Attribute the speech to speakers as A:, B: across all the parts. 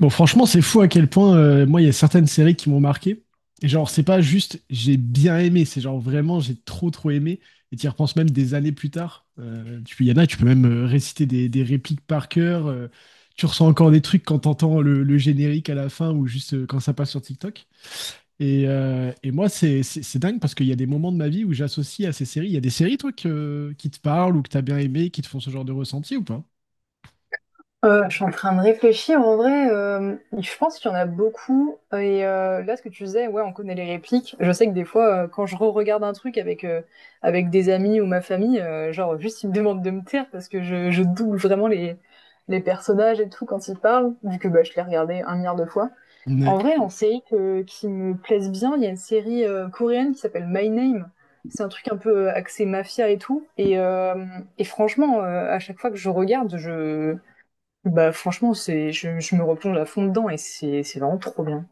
A: Bon, franchement, c'est fou à quel point, moi, il y a certaines séries qui m'ont marqué. Et genre, c'est pas juste j'ai bien aimé, c'est genre vraiment j'ai trop trop aimé. Et tu y repenses même des années plus tard. Il y en a, tu peux même réciter des répliques par cœur. Tu ressens encore des trucs quand t'entends le générique à la fin ou juste quand ça passe sur TikTok. Et moi, c'est dingue parce qu'il y a des moments de ma vie où j'associe à ces séries. Il y a des séries, toi, qui te parlent ou que t'as bien aimé, qui te font ce genre de ressenti ou pas?
B: Je suis en train de réfléchir. En vrai, je pense qu'il y en a beaucoup. Et là, ce que tu disais, ouais, on connaît les répliques. Je sais que des fois, quand je re-regarde un truc avec des amis ou ma famille, genre juste ils me demandent de me taire parce que je double vraiment les personnages et tout quand ils parlent, vu que bah, je l'ai regardé un milliard de fois.
A: Ouais.
B: En vrai, en série que, qui me plaise bien, il y a une série coréenne qui s'appelle My Name. C'est un truc un peu axé mafia et tout. Et, et franchement, à chaque fois que je regarde, je bah, franchement, c'est je me replonge à fond dedans et c'est vraiment trop bien.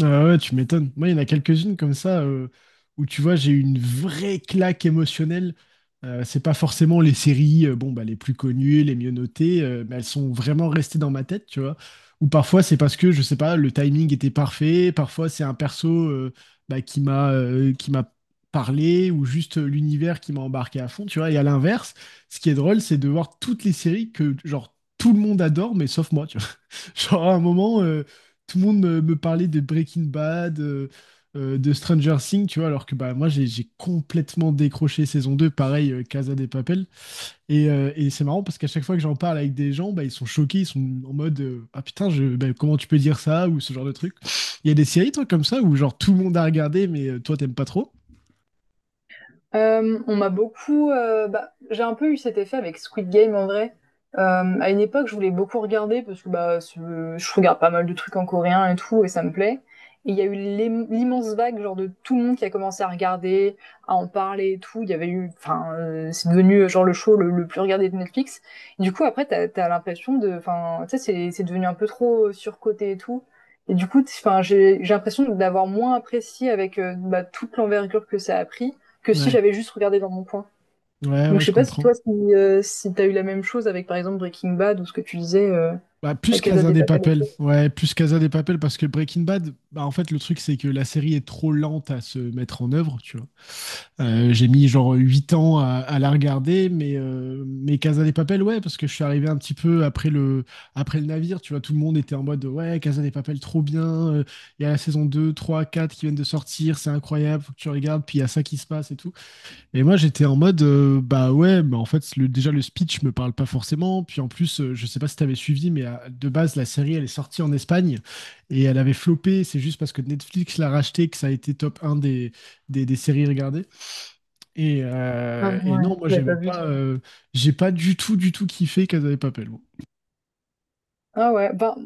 A: Ah ouais, tu m'étonnes. Moi, il y en a quelques-unes comme ça, où tu vois, j'ai eu une vraie claque émotionnelle. C'est pas forcément les séries, bon, bah, les plus connues, les mieux notées, mais elles sont vraiment restées dans ma tête, tu vois. Ou parfois, c'est parce que, je sais pas, le timing était parfait. Parfois, c'est un perso, bah, qui m'a parlé ou juste l'univers qui m'a embarqué à fond, tu vois. Et à l'inverse, ce qui est drôle, c'est de voir toutes les séries que, genre, tout le monde adore, mais sauf moi, tu vois. Genre, à un moment, tout le monde me parlait de Breaking Bad, de Stranger Things, tu vois, alors que bah, moi, j'ai complètement décroché saison 2, pareil, Casa de Papel. Et c'est marrant parce qu'à chaque fois que j'en parle avec des gens, bah, ils sont choqués, ils sont en mode, ah putain, bah, comment tu peux dire ça ou ce genre de truc. Il y a des séries, toi, comme ça, où genre tout le monde a regardé, mais toi, t'aimes pas trop?
B: On m'a beaucoup. Bah, j'ai un peu eu cet effet avec Squid Game en vrai. Euh, à une époque, je voulais beaucoup regarder parce que je regarde pas mal de trucs en coréen et tout, et ça me plaît. Et il y a eu l'immense vague genre de tout le monde qui a commencé à regarder, à en parler et tout. Il y avait eu, enfin, c'est devenu genre le show le plus regardé de Netflix. Du coup, après, t'as l'impression de, enfin, tu sais, c'est devenu un peu trop surcoté et tout. Et du coup, j'ai l'impression d'avoir moins apprécié avec bah, toute l'envergure que ça a pris que si
A: Ouais,
B: j'avais juste regardé dans mon coin.
A: ouais,
B: Donc
A: ouais,
B: je
A: je
B: sais pas si
A: comprends.
B: toi, si t'as eu la même chose avec par exemple Breaking Bad ou ce que tu disais,
A: Bah,
B: La
A: plus
B: Casa
A: Casa
B: des
A: de
B: Papel et
A: Papel.
B: tout.
A: Ouais, plus Casa de Papel parce que Breaking Bad, bah, en fait, le truc, c'est que la série est trop lente à se mettre en œuvre, tu vois. J'ai mis genre 8 ans à la regarder, mais Casa de Papel, ouais, parce que je suis arrivé un petit peu après après le navire, tu vois, tout le monde était en mode ouais, Casa de Papel, trop bien, euh, il y a la saison 2, 3, 4 qui viennent de sortir, c'est incroyable, faut que tu regardes, puis il y a ça qui se passe et tout. Et moi, j'étais en mode, bah ouais, mais en fait, déjà le speech me parle pas forcément, puis en plus, je sais pas si t'avais suivi, mais de base, la série, elle est sortie en Espagne, et elle avait floppé, c'est juste parce que Netflix l'a racheté que ça a été top un des séries regardées. Et,
B: Ah,
A: euh, et
B: ouais,
A: non, moi,
B: j'avais
A: j'aimais
B: pas vu
A: pas.
B: ça.
A: J'ai pas du tout, du tout kiffé Casa de Papel. Moi.
B: Ah ouais, bah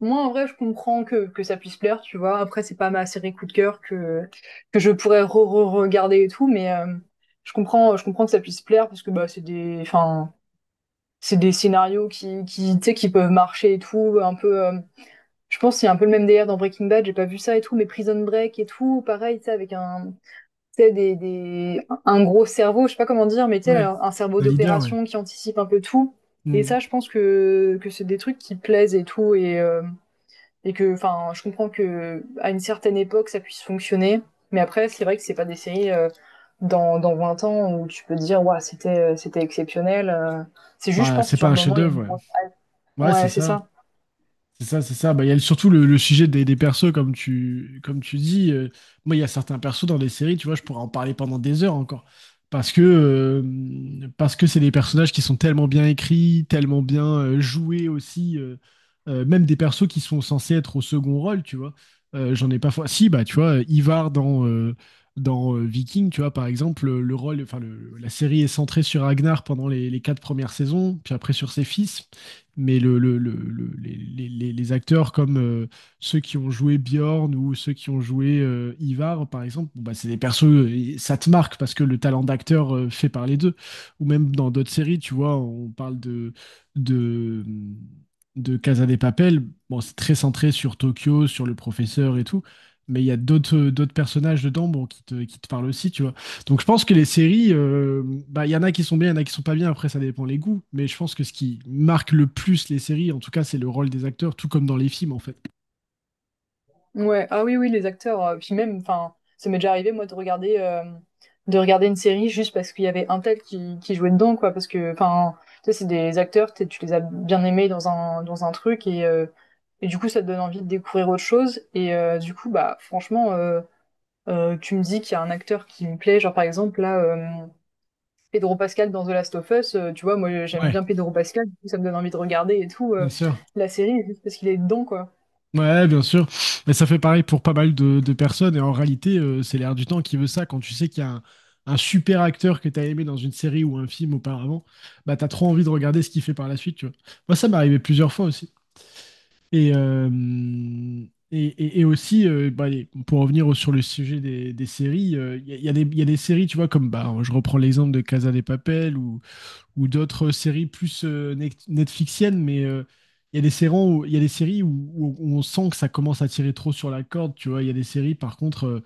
B: moi en vrai je comprends que ça puisse plaire, tu vois. Après c'est pas ma série coup de cœur que je pourrais re-regarder et tout, mais je comprends que ça puisse plaire parce que bah c'est des scénarios qui tu sais qui peuvent marcher et tout un peu. Je pense que c'est un peu le même délire dans Breaking Bad, j'ai pas vu ça et tout, mais Prison Break et tout, pareil, tu sais, avec un, tu sais, des, un gros cerveau, je sais pas comment dire, mais tu sais,
A: Ouais,
B: un cerveau
A: un leader, ouais.
B: d'opération qui anticipe un peu tout. Et
A: Hmm.
B: ça, je pense que c'est des trucs qui plaisent et tout. Et, je comprends que à une certaine époque, ça puisse fonctionner. Mais après, c'est vrai que c'est pas des séries dans 20 ans où tu peux te dire, waouh, c'était exceptionnel. C'est juste, je
A: Bah,
B: pense,
A: c'est
B: c'est sur
A: pas un
B: le moment, il y a une
A: chef-d'œuvre, ouais.
B: grosse-
A: Ouais, c'est
B: Ouais, c'est
A: ça.
B: ça.
A: C'est ça, c'est ça. Bah, il y a surtout le sujet des persos, comme tu dis. Moi, il y a certains persos dans des séries, tu vois, je pourrais en parler pendant des heures encore. Parce que, euh, Parce que c'est des personnages qui sont tellement bien écrits, tellement bien joués aussi. Même des persos qui sont censés être au second rôle, tu vois. J'en ai pas. Fa- Si, bah, tu vois, Ivar dans Viking, tu vois, par exemple, enfin, la série est centrée sur Ragnar pendant les quatre premières saisons, puis après sur ses fils mais les acteurs comme ceux qui ont joué Bjorn ou ceux qui ont joué Ivar, par exemple, bon, bah, c'est des persos, ça te marque parce que le talent d'acteur fait parler d'eux. Ou même dans d'autres séries, tu vois, on parle de, de Casa de Papel. Bon, c'est très centré sur Tokyo, sur le professeur et tout, mais il y a d'autres personnages dedans bon, qui te parlent aussi, tu vois. Donc je pense que les séries, il bah, y en a qui sont bien, il y en a qui sont pas bien, après ça dépend les goûts, mais je pense que ce qui marque le plus les séries, en tout cas, c'est le rôle des acteurs, tout comme dans les films en fait.
B: Ouais, ah oui, oui, les acteurs. Puis même, enfin, ça m'est déjà arrivé, moi, de regarder une série juste parce qu'il y avait un tel qui jouait dedans, quoi. Parce que, enfin, tu sais, c'est des acteurs, tu les as bien aimés dans un truc et du coup, ça te donne envie de découvrir autre chose. Et du coup, bah, franchement, tu me dis qu'il y a un acteur qui me plaît, genre par exemple, Pedro Pascal dans The Last of Us, tu vois, moi, j'aime
A: Ouais,
B: bien Pedro Pascal, du coup, ça me donne envie de regarder et tout,
A: bien sûr.
B: la série juste parce qu'il est dedans, quoi.
A: Ouais, bien sûr. Mais ça fait pareil pour pas mal de personnes. Et en réalité, c'est l'air du temps qui veut ça. Quand tu sais qu'il y a un super acteur que t'as aimé dans une série ou un film auparavant, bah, t'as trop envie de regarder ce qu'il fait par la suite. Tu vois. Moi, ça m'est arrivé plusieurs fois aussi. Et, euh, et aussi, bah, pour revenir sur le sujet des séries, il y a des séries, tu vois, comme bah, je reprends l'exemple de Casa de Papel ou d'autres séries plus netflixiennes, mais il y a des séries où on sent que ça commence à tirer trop sur la corde, tu vois. Il y a des séries, par contre,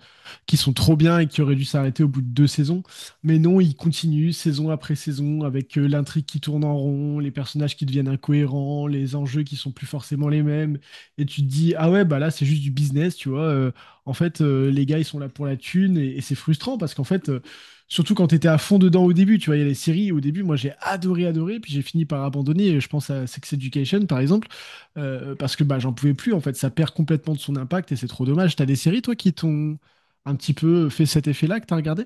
A: qui sont trop bien et qui auraient dû s'arrêter au bout de deux saisons. Mais non, ils continuent saison après saison avec l'intrigue qui tourne en rond, les personnages qui deviennent incohérents, les enjeux qui sont plus forcément les mêmes. Et tu te dis, ah ouais, bah là, c'est juste du business, tu vois. En fait, les gars, ils sont là pour la thune et c'est frustrant parce qu'en fait, surtout quand t'étais à fond dedans au début, tu vois, il y a les séries, au début, moi j'ai adoré, adoré, puis j'ai fini par abandonner, je pense à Sex Education par exemple, parce que bah, j'en pouvais plus, en fait, ça perd complètement de son impact et c'est trop dommage. T'as des séries, toi, qui t'ont un petit peu fait cet effet-là que t'as regardé?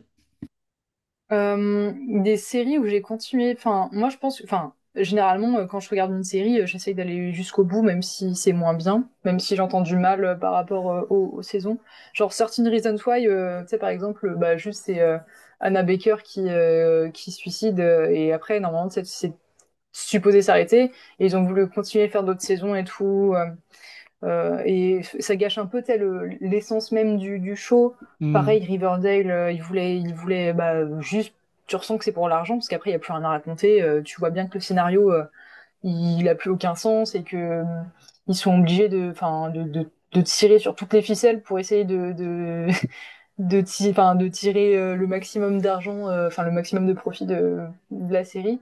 B: Des séries où j'ai continué. Enfin, moi, je pense. Enfin, généralement, quand je regarde une série, j'essaye d'aller jusqu'au bout, même si c'est moins bien, même si j'entends du mal par rapport aux saisons. Genre, Certain Reasons Why, tu sais, par exemple, bah, juste c'est Anna Baker qui se suicide et après, normalement, tu sais, c'est supposé s'arrêter et ils ont voulu continuer à faire d'autres saisons et tout. Et ça gâche un peu telle l'essence même du show.
A: Hmm.
B: Pareil, Riverdale, il voulait bah, juste. Tu ressens que c'est pour l'argent parce qu'après il y a plus rien à raconter. Tu vois bien que le scénario, il a plus aucun sens et que ils sont obligés de, enfin, de tirer sur toutes les ficelles pour essayer de tirer le maximum d'argent, enfin le maximum de profit de la série.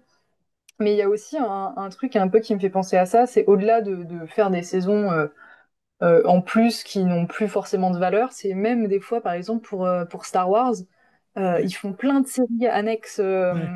B: Mais il y a aussi un truc un peu qui me fait penser à ça, c'est au-delà de faire des saisons en plus qui n'ont plus forcément de valeur. C'est même des fois, par exemple, pour Star Wars, ils
A: Ouais,
B: font plein de séries annexes
A: ouais.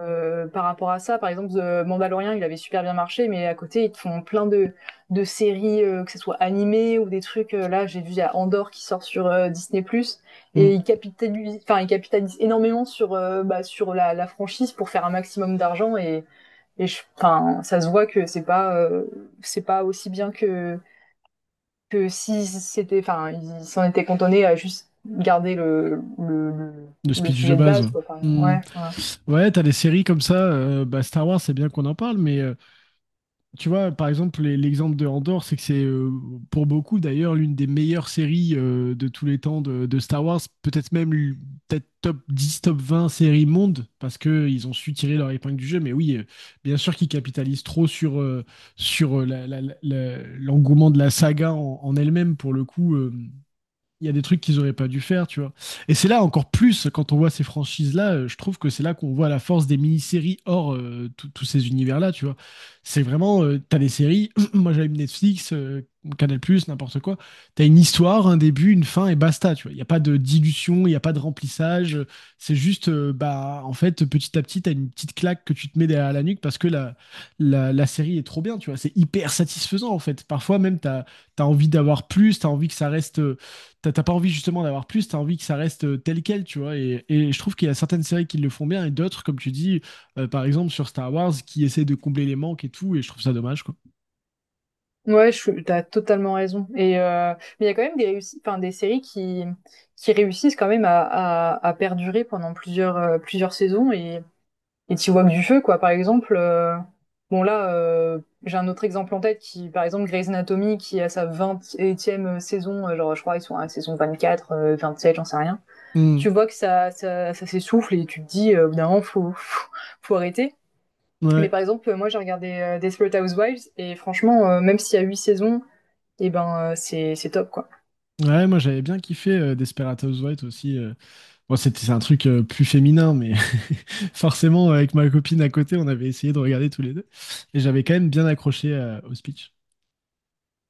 B: par rapport à ça. Par exemple, The Mandalorian, il avait super bien marché, mais à côté, ils te font plein de séries, que ce soit animées ou des trucs. Là, j'ai vu il y a Andorre qui sort sur Disney+, plus, et
A: Hmm.
B: ils capitalisent, ils capitalisent énormément sur, bah, sur la franchise pour faire un maximum d'argent et ça se voit que c'est pas aussi bien que si c'était, enfin, ils s'en étaient cantonnés à juste garder
A: Le
B: le
A: speech de
B: sujet de
A: base.
B: base, quoi. Enfin,
A: Hmm.
B: ouais, ouais.
A: Ouais, t'as des séries comme ça, bah, Star Wars, c'est bien qu'on en parle, mais tu vois, par exemple, l'exemple de Andor, c'est que c'est pour beaucoup d'ailleurs l'une des meilleures séries de tous les temps de Star Wars, peut-être même peut-être top 10, top 20 séries monde, parce que ils ont su tirer leur épingle du jeu. Mais oui, bien sûr qu'ils capitalisent trop sur, l'engouement de la saga en elle-même, pour le coup. Il y a des trucs qu'ils auraient pas dû faire, tu vois. Et c'est là encore plus quand on voit ces franchises-là, je trouve que c'est là qu'on voit la force des mini-séries hors tous ces univers-là, tu vois. C'est vraiment, t'as des séries, moi j'allume Netflix, Canal+, n'importe quoi, t'as une histoire, un début, une fin et basta, tu vois. Il n'y a pas de dilution, il n'y a pas de remplissage, c'est juste, bah, en fait, petit à petit, t'as une petite claque que tu te mets derrière la nuque parce que la série est trop bien, tu vois. C'est hyper satisfaisant, en fait. Parfois même, t'as envie d'avoir plus, t'as envie que ça reste t'as pas envie justement d'avoir plus, t'as envie que ça reste tel quel, tu vois. Et je trouve qu'il y a certaines séries qui le font bien et d'autres, comme tu dis, par exemple sur Star Wars, qui essaient de combler les manques et tout, et je trouve ça dommage, quoi.
B: Ouais, t'as totalement raison. Et mais il y a quand même des réussites, enfin, des séries qui réussissent quand même à perdurer pendant plusieurs plusieurs saisons et t'y vois que du feu, quoi. Par exemple, bon là, j'ai un autre exemple en tête qui, par exemple, Grey's Anatomy qui a sa 20e saison, genre je crois ils sont à la saison 4, 7 j'en sais rien.
A: Hmm.
B: Tu vois que ça s'essouffle et tu te dis, au faut, faut, faut arrêter. Mais
A: Ouais.
B: par exemple, moi, j'ai regardé Desperate Housewives et franchement, même s'il y a 8 saisons, et eh ben, c'est top, quoi.
A: Ouais, moi j'avais bien kiffé Desperate Housewives aussi. Bon, c'est un truc plus féminin, mais forcément, avec ma copine à côté, on avait essayé de regarder tous les deux. Et j'avais quand même bien accroché au speech.